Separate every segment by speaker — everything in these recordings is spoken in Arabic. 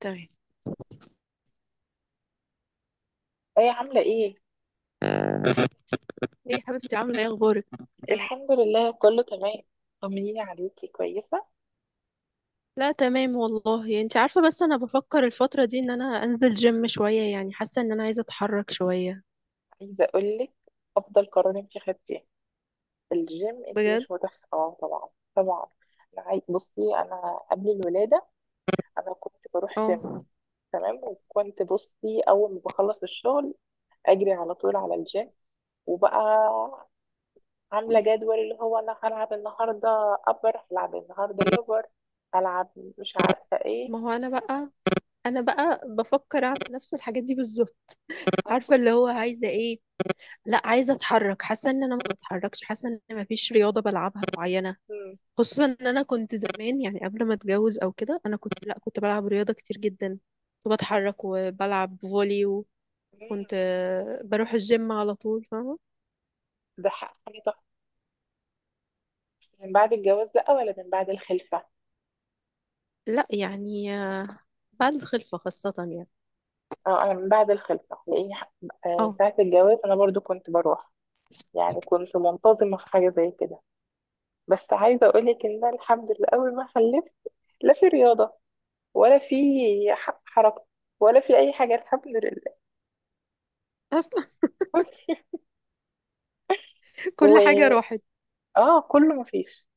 Speaker 1: تمام.
Speaker 2: ايه عاملة ايه؟
Speaker 1: ايه يا حبيبتي، عامله ايه، اخبارك؟
Speaker 2: الحمد لله كله تمام. طمنيني عليكي، كويسة.
Speaker 1: لا تمام والله، انت عارفه، بس انا بفكر الفتره دي ان انا انزل جيم شويه، يعني حاسه ان انا عايزه اتحرك شويه.
Speaker 2: عايزة اقولك، افضل قرار انتي خدتيه الجيم. انتي
Speaker 1: بجد؟
Speaker 2: مش متخ طبعا. طبعا. بصي، انا قبل الولادة انا كنت بروح جيم.
Speaker 1: اه.
Speaker 2: تمام، وكنت بصي اول ما بخلص الشغل اجري على طول على الجيم. وبقى عاملة جدول، اللي هو انا هلعب النهاردة ابر، هلعب النهاردة لور، هلعب مش عارفة ايه.
Speaker 1: ما هو انا بقى بفكر اعمل نفس الحاجات دي بالظبط. عارفه اللي هو عايزه ايه. لا، عايزه اتحرك، حاسه ان انا ما بتحركش، حاسه ان انا ما فيش رياضه بلعبها معينه.
Speaker 2: مم.
Speaker 1: خصوصا ان انا كنت زمان، يعني قبل ما اتجوز او كده، انا كنت، لا، كنت بلعب رياضه كتير جدا. كنت بتحرك وبلعب فولي. كنت
Speaker 2: مم.
Speaker 1: بروح الجيم على طول، فاهمة؟
Speaker 2: ده حاجة من بعد الجواز بقى ولا من بعد الخلفة؟
Speaker 1: لا يعني بعد الخلفة خاصة، يعني
Speaker 2: اه، انا من بعد الخلفة لاني
Speaker 1: اه.
Speaker 2: ساعة الجواز انا برضو كنت بروح. يعني كنت منتظمة في حاجة زي كده. بس عايزة اقولك ان أنا الحمد لله اول ما خلفت لا في رياضة ولا في حركة ولا في اي حاجة، الحمد لله.
Speaker 1: اصلا كل حاجة
Speaker 2: و
Speaker 1: راحت.
Speaker 2: اه كله مفيش.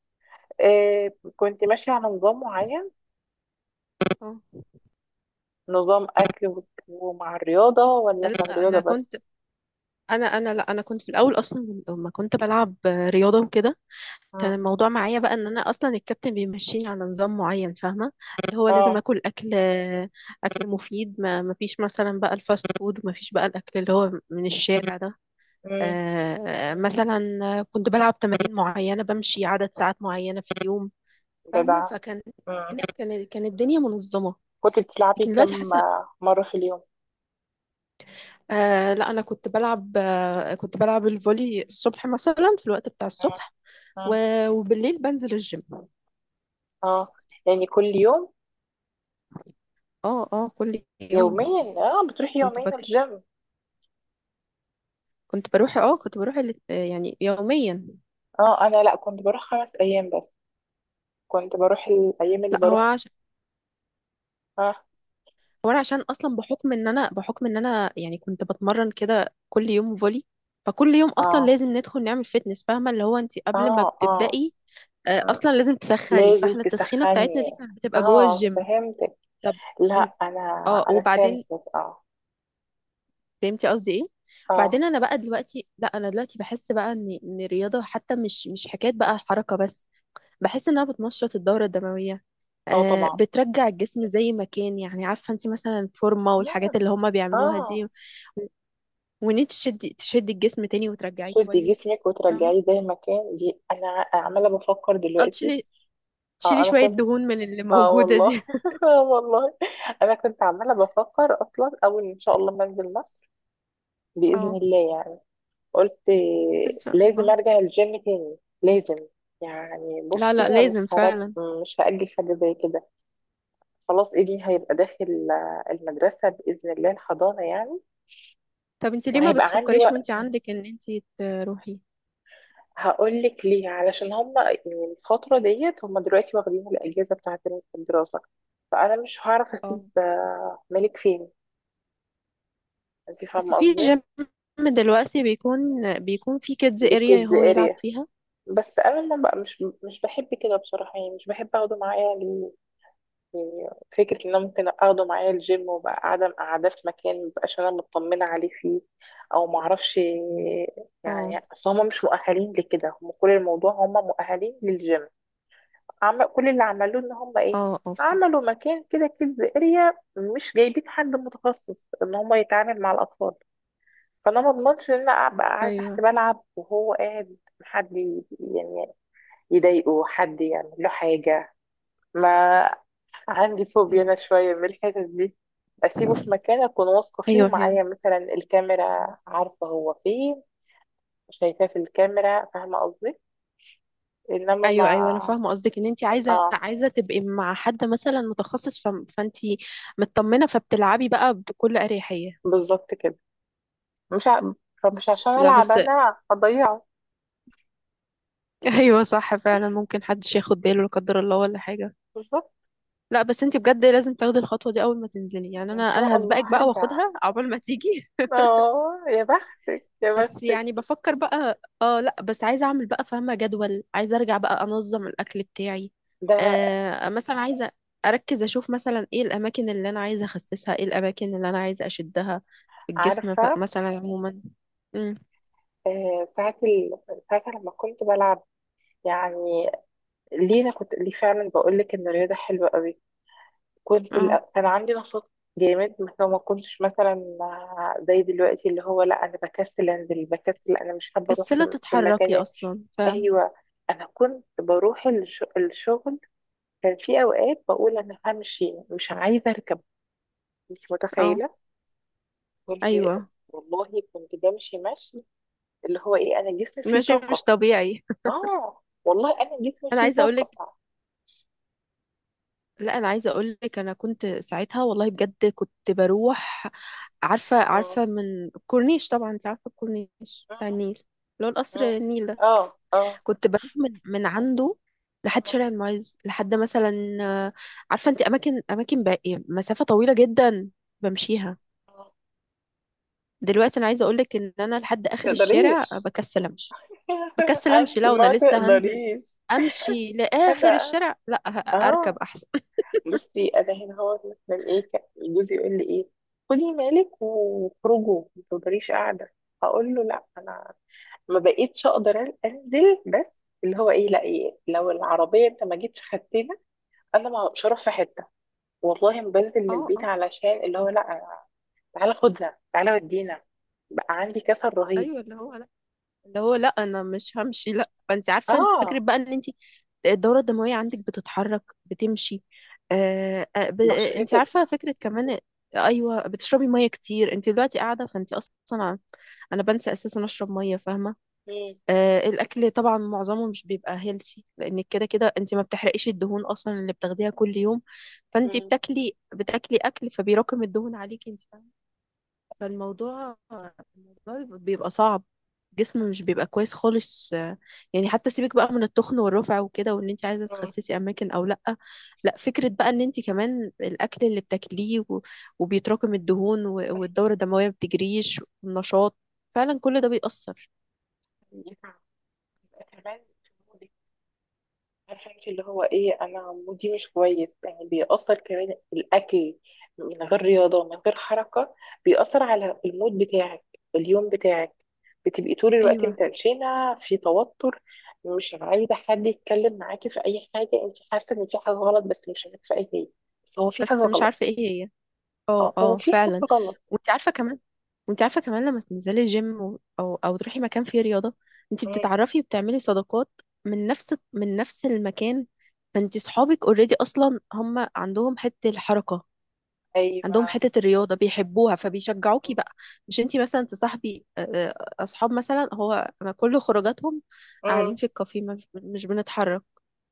Speaker 2: آه، كنت ماشية على نظام معين.
Speaker 1: اه.
Speaker 2: نظام اكل ومع الرياضة، ولا كان
Speaker 1: لا،
Speaker 2: رياضة
Speaker 1: انا
Speaker 2: بس؟
Speaker 1: كنت انا انا لا كنت في الاول اصلا لما كنت بلعب رياضة وكده. كان
Speaker 2: مم.
Speaker 1: الموضوع معايا بقى ان انا اصلا الكابتن بيمشيني على نظام معين، فاهمة؟ اللي هو لازم
Speaker 2: اه.
Speaker 1: اكل مفيد. ما فيش مثلا بقى الفاست فود، وما فيش بقى الاكل اللي هو من الشارع ده.
Speaker 2: مم.
Speaker 1: مثلا كنت بلعب تمارين معينة، بمشي عدد ساعات معينة في اليوم، فاهمة؟
Speaker 2: جدع.
Speaker 1: فكان كان كان الدنيا منظمة.
Speaker 2: كنت بتلعبي
Speaker 1: لكن دلوقتي
Speaker 2: كم
Speaker 1: حاسة
Speaker 2: مرة في اليوم؟
Speaker 1: آه، لا. أنا كنت بلعب الفولي الصبح، مثلا في الوقت بتاع
Speaker 2: مم.
Speaker 1: الصبح،
Speaker 2: مم.
Speaker 1: وبالليل بنزل الجيم.
Speaker 2: اه، يعني كل يوم.
Speaker 1: اه، اه، كل يوم.
Speaker 2: يوميا؟ اه، بتروحي
Speaker 1: كنت
Speaker 2: يومين
Speaker 1: بت...
Speaker 2: الجيم؟
Speaker 1: كنت بروح يعني يوميا.
Speaker 2: اه، انا لا كنت بروح خمس ايام بس. كنت بروح الايام اللي
Speaker 1: لا، هو
Speaker 2: بروح.
Speaker 1: عشان
Speaker 2: اه.
Speaker 1: هو انا عشان اصلا بحكم ان انا يعني كنت بتمرن كده كل يوم فولي. فكل يوم اصلا
Speaker 2: اه.
Speaker 1: لازم ندخل نعمل فيتنس، فاهمه؟ اللي هو انت قبل ما
Speaker 2: اه. اه.
Speaker 1: بتبدأي،
Speaker 2: مم.
Speaker 1: اصلا لازم تسخني.
Speaker 2: لازم
Speaker 1: فاحنا التسخينه بتاعتنا
Speaker 2: تسخني.
Speaker 1: دي كانت بتبقى جوه
Speaker 2: اه،
Speaker 1: الجيم.
Speaker 2: فهمتك.
Speaker 1: طب، انت-
Speaker 2: لا. انا.
Speaker 1: اه وبعدين،
Speaker 2: فهمتك اه.
Speaker 1: فهمتي قصدي ايه؟
Speaker 2: اه.
Speaker 1: وبعدين انا بقى دلوقتي لا انا دلوقتي بحس بقى ان الرياضه حتى مش حكايه بقى حركه بس. بحس انها بتنشط الدوره الدمويه،
Speaker 2: اه طبعا.
Speaker 1: بترجع الجسم زي ما كان، يعني عارفه انت مثلا الفورمه والحاجات
Speaker 2: مم.
Speaker 1: اللي هما بيعملوها دي.
Speaker 2: اه،
Speaker 1: وان انت تشدي الجسم تاني وترجعيه
Speaker 2: تدي
Speaker 1: كويس،
Speaker 2: جسمك
Speaker 1: فاهمه.
Speaker 2: وترجعيه زي ما كان، دي انا عماله بفكر
Speaker 1: اه،
Speaker 2: دلوقتي.
Speaker 1: تشيلي
Speaker 2: اه
Speaker 1: تشيلي
Speaker 2: انا
Speaker 1: شويه
Speaker 2: كنت.
Speaker 1: دهون من اللي
Speaker 2: اه
Speaker 1: موجوده
Speaker 2: والله
Speaker 1: دي.
Speaker 2: آه والله، انا كنت عماله بفكر اصلا اول ان شاء الله ما انزل مصر باذن
Speaker 1: اه،
Speaker 2: الله يعني. قلت
Speaker 1: ان شاء
Speaker 2: لازم
Speaker 1: الله.
Speaker 2: ارجع الجيم تاني، لازم. يعني
Speaker 1: لا،
Speaker 2: بصي
Speaker 1: لا،
Speaker 2: انا مش
Speaker 1: لازم
Speaker 2: هرج...
Speaker 1: فعلا.
Speaker 2: مش هاجل حاجه زي كده. خلاص ابني هيبقى داخل آه، المدرسه باذن الله، الحضانه يعني.
Speaker 1: طب انت ليه ما
Speaker 2: وهيبقى عندي
Speaker 1: بتفكريش
Speaker 2: وقت.
Speaker 1: وانت عندك، ان انت تروحي؟
Speaker 2: هقول لك ليه، علشان هم يعني الفتره ديت هم دلوقتي واخدين الاجازه بتاعت الدراسه. فانا مش هعرف
Speaker 1: اه،
Speaker 2: اسيب آه، ملك فين. انت
Speaker 1: بس
Speaker 2: فاهمه
Speaker 1: في
Speaker 2: قصدي.
Speaker 1: جيم دلوقتي بيكون في كيدز اريا
Speaker 2: بكيدز
Speaker 1: هو يلعب
Speaker 2: اريا.
Speaker 1: فيها.
Speaker 2: بس انا ما بقى مش بحب كده بصراحه، يعني مش بحب اخده معايا يعني. فكره ان انا ممكن اخده معايا الجيم وبقى قاعده في مكان مبقاش انا مطمنه عليه فيه. او ما اعرفش.
Speaker 1: اه،
Speaker 2: يعني اصل هم مش مؤهلين لكده، هم كل الموضوع هم مؤهلين للجيم. عم، كل اللي عملوه ان هم ايه،
Speaker 1: اه، اه، فهمت.
Speaker 2: عملوا مكان كده كيدز اريا، مش جايبين حد متخصص ان هم يتعامل مع الاطفال. فانا ما اضمنش ان انا ابقى قاعده تحت
Speaker 1: ايوه،
Speaker 2: بلعب وهو قاعد حد يعني يضايقه، حد يعمل له حاجة. ما عندي فوبيا
Speaker 1: مم.
Speaker 2: أنا شوية من الحتت دي. أسيبه في مكان أكون واثقة فيه،
Speaker 1: ايوه، هي.
Speaker 2: ومعايا مثلا الكاميرا، عارفة هو فين، شايفاه في الكاميرا، فاهمة قصدي. إنما ما.
Speaker 1: ايوه، ايوه، انا فاهمه قصدك، ان انت عايزه
Speaker 2: آه.
Speaker 1: عايزه تبقي مع حد مثلا متخصص، فانت مطمنه، فبتلعبي بقى بكل اريحيه.
Speaker 2: بالظبط كده. مش ع... فمش عشان
Speaker 1: لا
Speaker 2: ألعب
Speaker 1: بس.
Speaker 2: أنا أضيعه.
Speaker 1: ايوه صح، فعلا ممكن حدش ياخد باله، لا قدر الله ولا حاجه.
Speaker 2: بالظبط.
Speaker 1: لا بس انت بجد لازم تاخدي الخطوه دي اول ما تنزلي، يعني انا
Speaker 2: إن شاء
Speaker 1: انا هسبقك
Speaker 2: الله
Speaker 1: بقى
Speaker 2: هرجع.
Speaker 1: واخدها، عقبال ما تيجي.
Speaker 2: آه، يا بختك يا
Speaker 1: بس
Speaker 2: بختك.
Speaker 1: يعني بفكر بقى اه، لا بس عايزه اعمل بقى، فاهمه، جدول. عايزه ارجع بقى انظم الاكل بتاعي،
Speaker 2: ده
Speaker 1: مثلا. عايزه اركز، اشوف مثلا ايه الاماكن اللي انا عايزه اخسسها، ايه الاماكن اللي انا عايزه اشدها في الجسم،
Speaker 2: عارفة
Speaker 1: مثلا عموما. امم.
Speaker 2: آه، ساعة لما كنت بلعب يعني، ليه انا كنت ليه، فعلا بقول لك ان الرياضه حلوه قوي.
Speaker 1: اه،
Speaker 2: كان عندي نشاط جامد. بس هو ما كنتش مثلا زي دلوقتي، اللي هو لا انا بكسل انزل، بكسل انا مش حابه اروح
Speaker 1: كسلة
Speaker 2: في المكان
Speaker 1: تتحركي
Speaker 2: يعني.
Speaker 1: اصلا، فاهم؟
Speaker 2: ايوه. انا كنت بروح الشغل، كان في اوقات
Speaker 1: اه،
Speaker 2: بقول انا همشي مش عايزه اركب. مش
Speaker 1: آه.
Speaker 2: متخيله. كنت.
Speaker 1: ايوه،
Speaker 2: والله كنت بمشي مشي، اللي هو ايه انا جسمي فيه
Speaker 1: ماشي مش
Speaker 2: طاقه.
Speaker 1: طبيعي.
Speaker 2: اه والله انا جسمي
Speaker 1: انا
Speaker 2: فيه
Speaker 1: عايزه اقولك،
Speaker 2: طاقه.
Speaker 1: لا، انا عايزه اقول لك، انا كنت ساعتها والله بجد كنت بروح، عارفه
Speaker 2: اه.
Speaker 1: عارفه من الكورنيش. طبعا انت عارفه الكورنيش بتاع
Speaker 2: اه.
Speaker 1: النيل، اللي هو القصر
Speaker 2: اه.
Speaker 1: النيل ده.
Speaker 2: اه. آه.
Speaker 1: كنت بروح من عنده لحد
Speaker 2: آه.
Speaker 1: شارع المعز، لحد مثلا عارفه انت اماكن، اماكن باقي مسافه طويله جدا بمشيها.
Speaker 2: آه.
Speaker 1: دلوقتي انا عايزه اقول لك ان انا لحد اخر الشارع
Speaker 2: تقدريش.
Speaker 1: بكسل امشي. بكسل
Speaker 2: عارف
Speaker 1: امشي، لا، وانا
Speaker 2: ما
Speaker 1: لسه هنزل،
Speaker 2: تقدريش.
Speaker 1: امشي لاخر
Speaker 2: انا
Speaker 1: الشارع، لا، اركب
Speaker 2: اه.
Speaker 1: احسن.
Speaker 2: بصي انا هنا هو مثلا ايه كان جوزي يقول لي ايه، خدي مالك وخرجوا، ما تقدريش قاعده. اقول له لا، انا ما بقيتش اقدر انزل. بس اللي هو ايه لا، إيه لو العربيه انت ما جيتش خدتنا؟ انا ما- مش هروح في حته. والله ما بنزل من
Speaker 1: اه،
Speaker 2: البيت،
Speaker 1: اه.
Speaker 2: علشان اللي هو لا تعالى خدنا، تعالى ودينا. بقى عندي كسل رهيب.
Speaker 1: ايوه، اللي هو لا انا مش همشي، لا، فانت عارفه، انت فكره
Speaker 2: اه.
Speaker 1: بقى، ان انت الدوره الدمويه عندك بتتحرك، بتمشي. آه آه، ب... آه، انت
Speaker 2: بشرتك.
Speaker 1: عارفه فكره كمان. ايوه، بتشربي ميه كتير، انت دلوقتي قاعده فانت اصلا، انا بنسى اساسا اشرب ميه، فاهمه. الاكل طبعا معظمه مش بيبقى هيلسي، لان كده كده انت ما بتحرقيش الدهون اصلا اللي بتاخديها كل يوم. فانت
Speaker 2: مم.
Speaker 1: بتاكلي اكل، فبيراكم الدهون عليكي انت. فالموضوع بيبقى صعب، جسم مش بيبقى كويس خالص يعني. حتى سيبك بقى من التخن والرفع وكده، وان انت عايزه
Speaker 2: اه،
Speaker 1: تخسسي اماكن او لا. لا، فكره بقى ان انت كمان الاكل اللي بتاكليه وبيتراكم الدهون، والدوره الدمويه ما بتجريش والنشاط، فعلا كل ده بيأثر.
Speaker 2: يبقى كمان في مودك. عارفه انت اللي هو ايه، انا مودي مش كويس، يعني بيأثر كمان الاكل. من غير رياضه، من غير حركه، بيأثر على المود بتاعك، اليوم بتاعك. بتبقي طول الوقت
Speaker 1: ايوه،
Speaker 2: متنشنه، في توتر، مش عايزه حد يتكلم معاكي في اي حاجه. انت حاسه ان في حاجه غلط بس مش عارفه ايه هي. بس هو في حاجه
Speaker 1: بس مش
Speaker 2: غلط.
Speaker 1: عارفه ايه هي. اه،
Speaker 2: اه، هو
Speaker 1: اه،
Speaker 2: في حاجه
Speaker 1: فعلا.
Speaker 2: غلط.
Speaker 1: وانت عارفه كمان، لما تنزلي جيم، او تروحي مكان فيه رياضه، انت
Speaker 2: مم.
Speaker 1: بتتعرفي وبتعملي صداقات من نفس المكان. فانت صحابك اوريدي اصلا هم عندهم حته الحركه،
Speaker 2: ايوه.
Speaker 1: عندهم حته الرياضه بيحبوها، فبيشجعوكي
Speaker 2: مم.
Speaker 1: بقى. مش انت مثلا تصاحبي اصحاب، مثلا هو انا كل خروجاتهم
Speaker 2: مم.
Speaker 1: قاعدين في الكافيه، مش بنتحرك.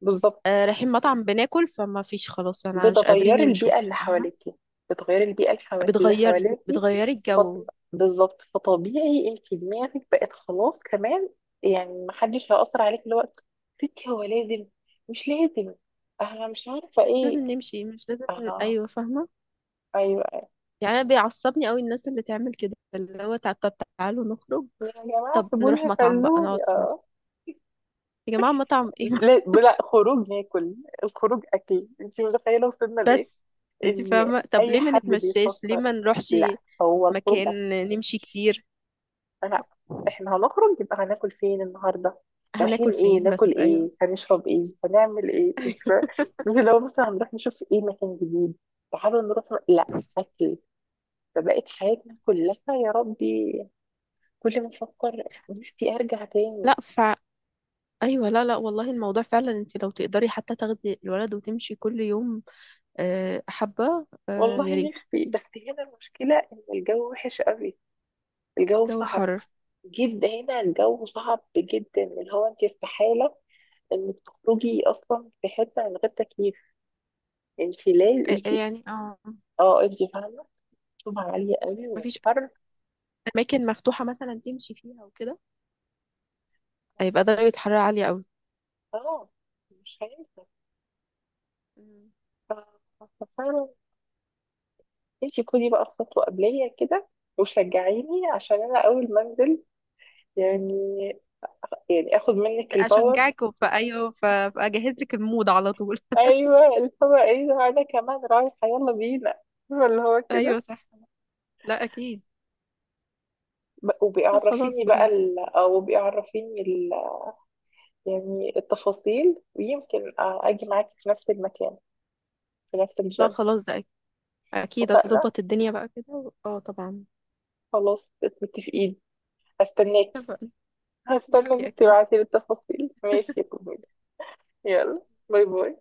Speaker 2: بالظبط.
Speaker 1: رايحين مطعم بناكل، فما فيش خلاص، انا مش قادرين
Speaker 2: بتغيري
Speaker 1: يمشوا،
Speaker 2: البيئة اللي
Speaker 1: فاهمة؟
Speaker 2: حواليكي. بتغيري البيئة اللي
Speaker 1: بتغيري
Speaker 2: حواليكي.
Speaker 1: بتغيري الجو،
Speaker 2: فط- بالظبط. فطبيعي انت دماغك بقت خلاص كمان. يعني محدش هيأثر عليك اللي هو ستي، هو لازم، مش لازم، انا مش عارفة
Speaker 1: مش لازم
Speaker 2: ايه.
Speaker 1: نمشي، مش لازم.
Speaker 2: اه.
Speaker 1: ايوه، فاهمه.
Speaker 2: ايوه.
Speaker 1: يعني انا بيعصبني قوي الناس اللي تعمل كده، اللي هو طب تعالوا نخرج،
Speaker 2: يا جماعة
Speaker 1: طب نروح
Speaker 2: سيبوني
Speaker 1: مطعم بقى، نقعد
Speaker 2: خلوني،
Speaker 1: في مطعم.
Speaker 2: اه.
Speaker 1: يا جماعه مطعم ايه؟
Speaker 2: لا لا، خروج ناكل؟ الخروج اكل؟ انت متخيلة وصلنا لايه؟
Speaker 1: بس انت
Speaker 2: ان
Speaker 1: فاهمه، طب
Speaker 2: اي
Speaker 1: ليه ما
Speaker 2: حد
Speaker 1: نتمشاش، ليه
Speaker 2: بيفكر،
Speaker 1: ما نروحش
Speaker 2: لا هو الخروج،
Speaker 1: مكان نمشي كتير؟
Speaker 2: لا احنا هنخرج يبقى هناكل فين النهارده،
Speaker 1: هناكل
Speaker 2: رايحين ايه،
Speaker 1: فين
Speaker 2: ناكل
Speaker 1: بس؟ ايوه.
Speaker 2: ايه، هنشرب ايه، هنعمل ايه، مش لو مثلا هنروح نشوف ايه مكان جديد، تعالوا نروح، لا اكل. فبقت حياتنا كلها. يا ربي. كل ما افكر، نفسي ارجع تاني.
Speaker 1: لا، ايوه. لا، لا، والله الموضوع فعلا، انت لو تقدري حتى تاخدي الولد وتمشي كل يوم حبه، يا
Speaker 2: والله
Speaker 1: ريت.
Speaker 2: نفسي، بس هنا المشكله ان الجو وحش قوي، الجو
Speaker 1: الجو
Speaker 2: صعب
Speaker 1: حر،
Speaker 2: جدا هنا، الجو صعب جدا، اللي هو انت استحاله انك تخرجي اصلا في حته من غير تكييف. انت لازم انت.
Speaker 1: يعني، اه.
Speaker 2: اه، انت فاهمة. طبعا عالية قوي
Speaker 1: مفيش
Speaker 2: والحر.
Speaker 1: اماكن مفتوحه مثلا تمشي فيها وكده، هيبقى درجه حراره عاليه قوي.
Speaker 2: اه. مش هينفع.
Speaker 1: مم.
Speaker 2: ف- ففعلا، انت خدي بقى خطوة قبلية كده وشجعيني، عشان انا اول ما انزل يعني، يعني اخد منك الباور.
Speaker 1: اشجعك ايوه، فاجهز لك المود على طول.
Speaker 2: ايوه، اللي هو ايه، ده انا كمان رايحة، يلا بينا، فاهمة اللي هو
Speaker 1: ايوه
Speaker 2: كده.
Speaker 1: صح. لا، اكيد. لا خلاص، بجد.
Speaker 2: او بيعرفيني ال... يعني التفاصيل، ويمكن آه، اجي معاكي في نفس المكان، في نفس
Speaker 1: لا
Speaker 2: الجيم.
Speaker 1: خلاص، ده اكيد. اكيد
Speaker 2: اتفقنا،
Speaker 1: اظبط الدنيا بقى كده، طبعا.
Speaker 2: خلاص متفقين، استناك.
Speaker 1: اتفقنا.
Speaker 2: هستنى
Speaker 1: ماشي،
Speaker 2: انك
Speaker 1: اكيد.
Speaker 2: تبعتي لي التفاصيل، ماشي يا كميل؟ يلا، باي باي.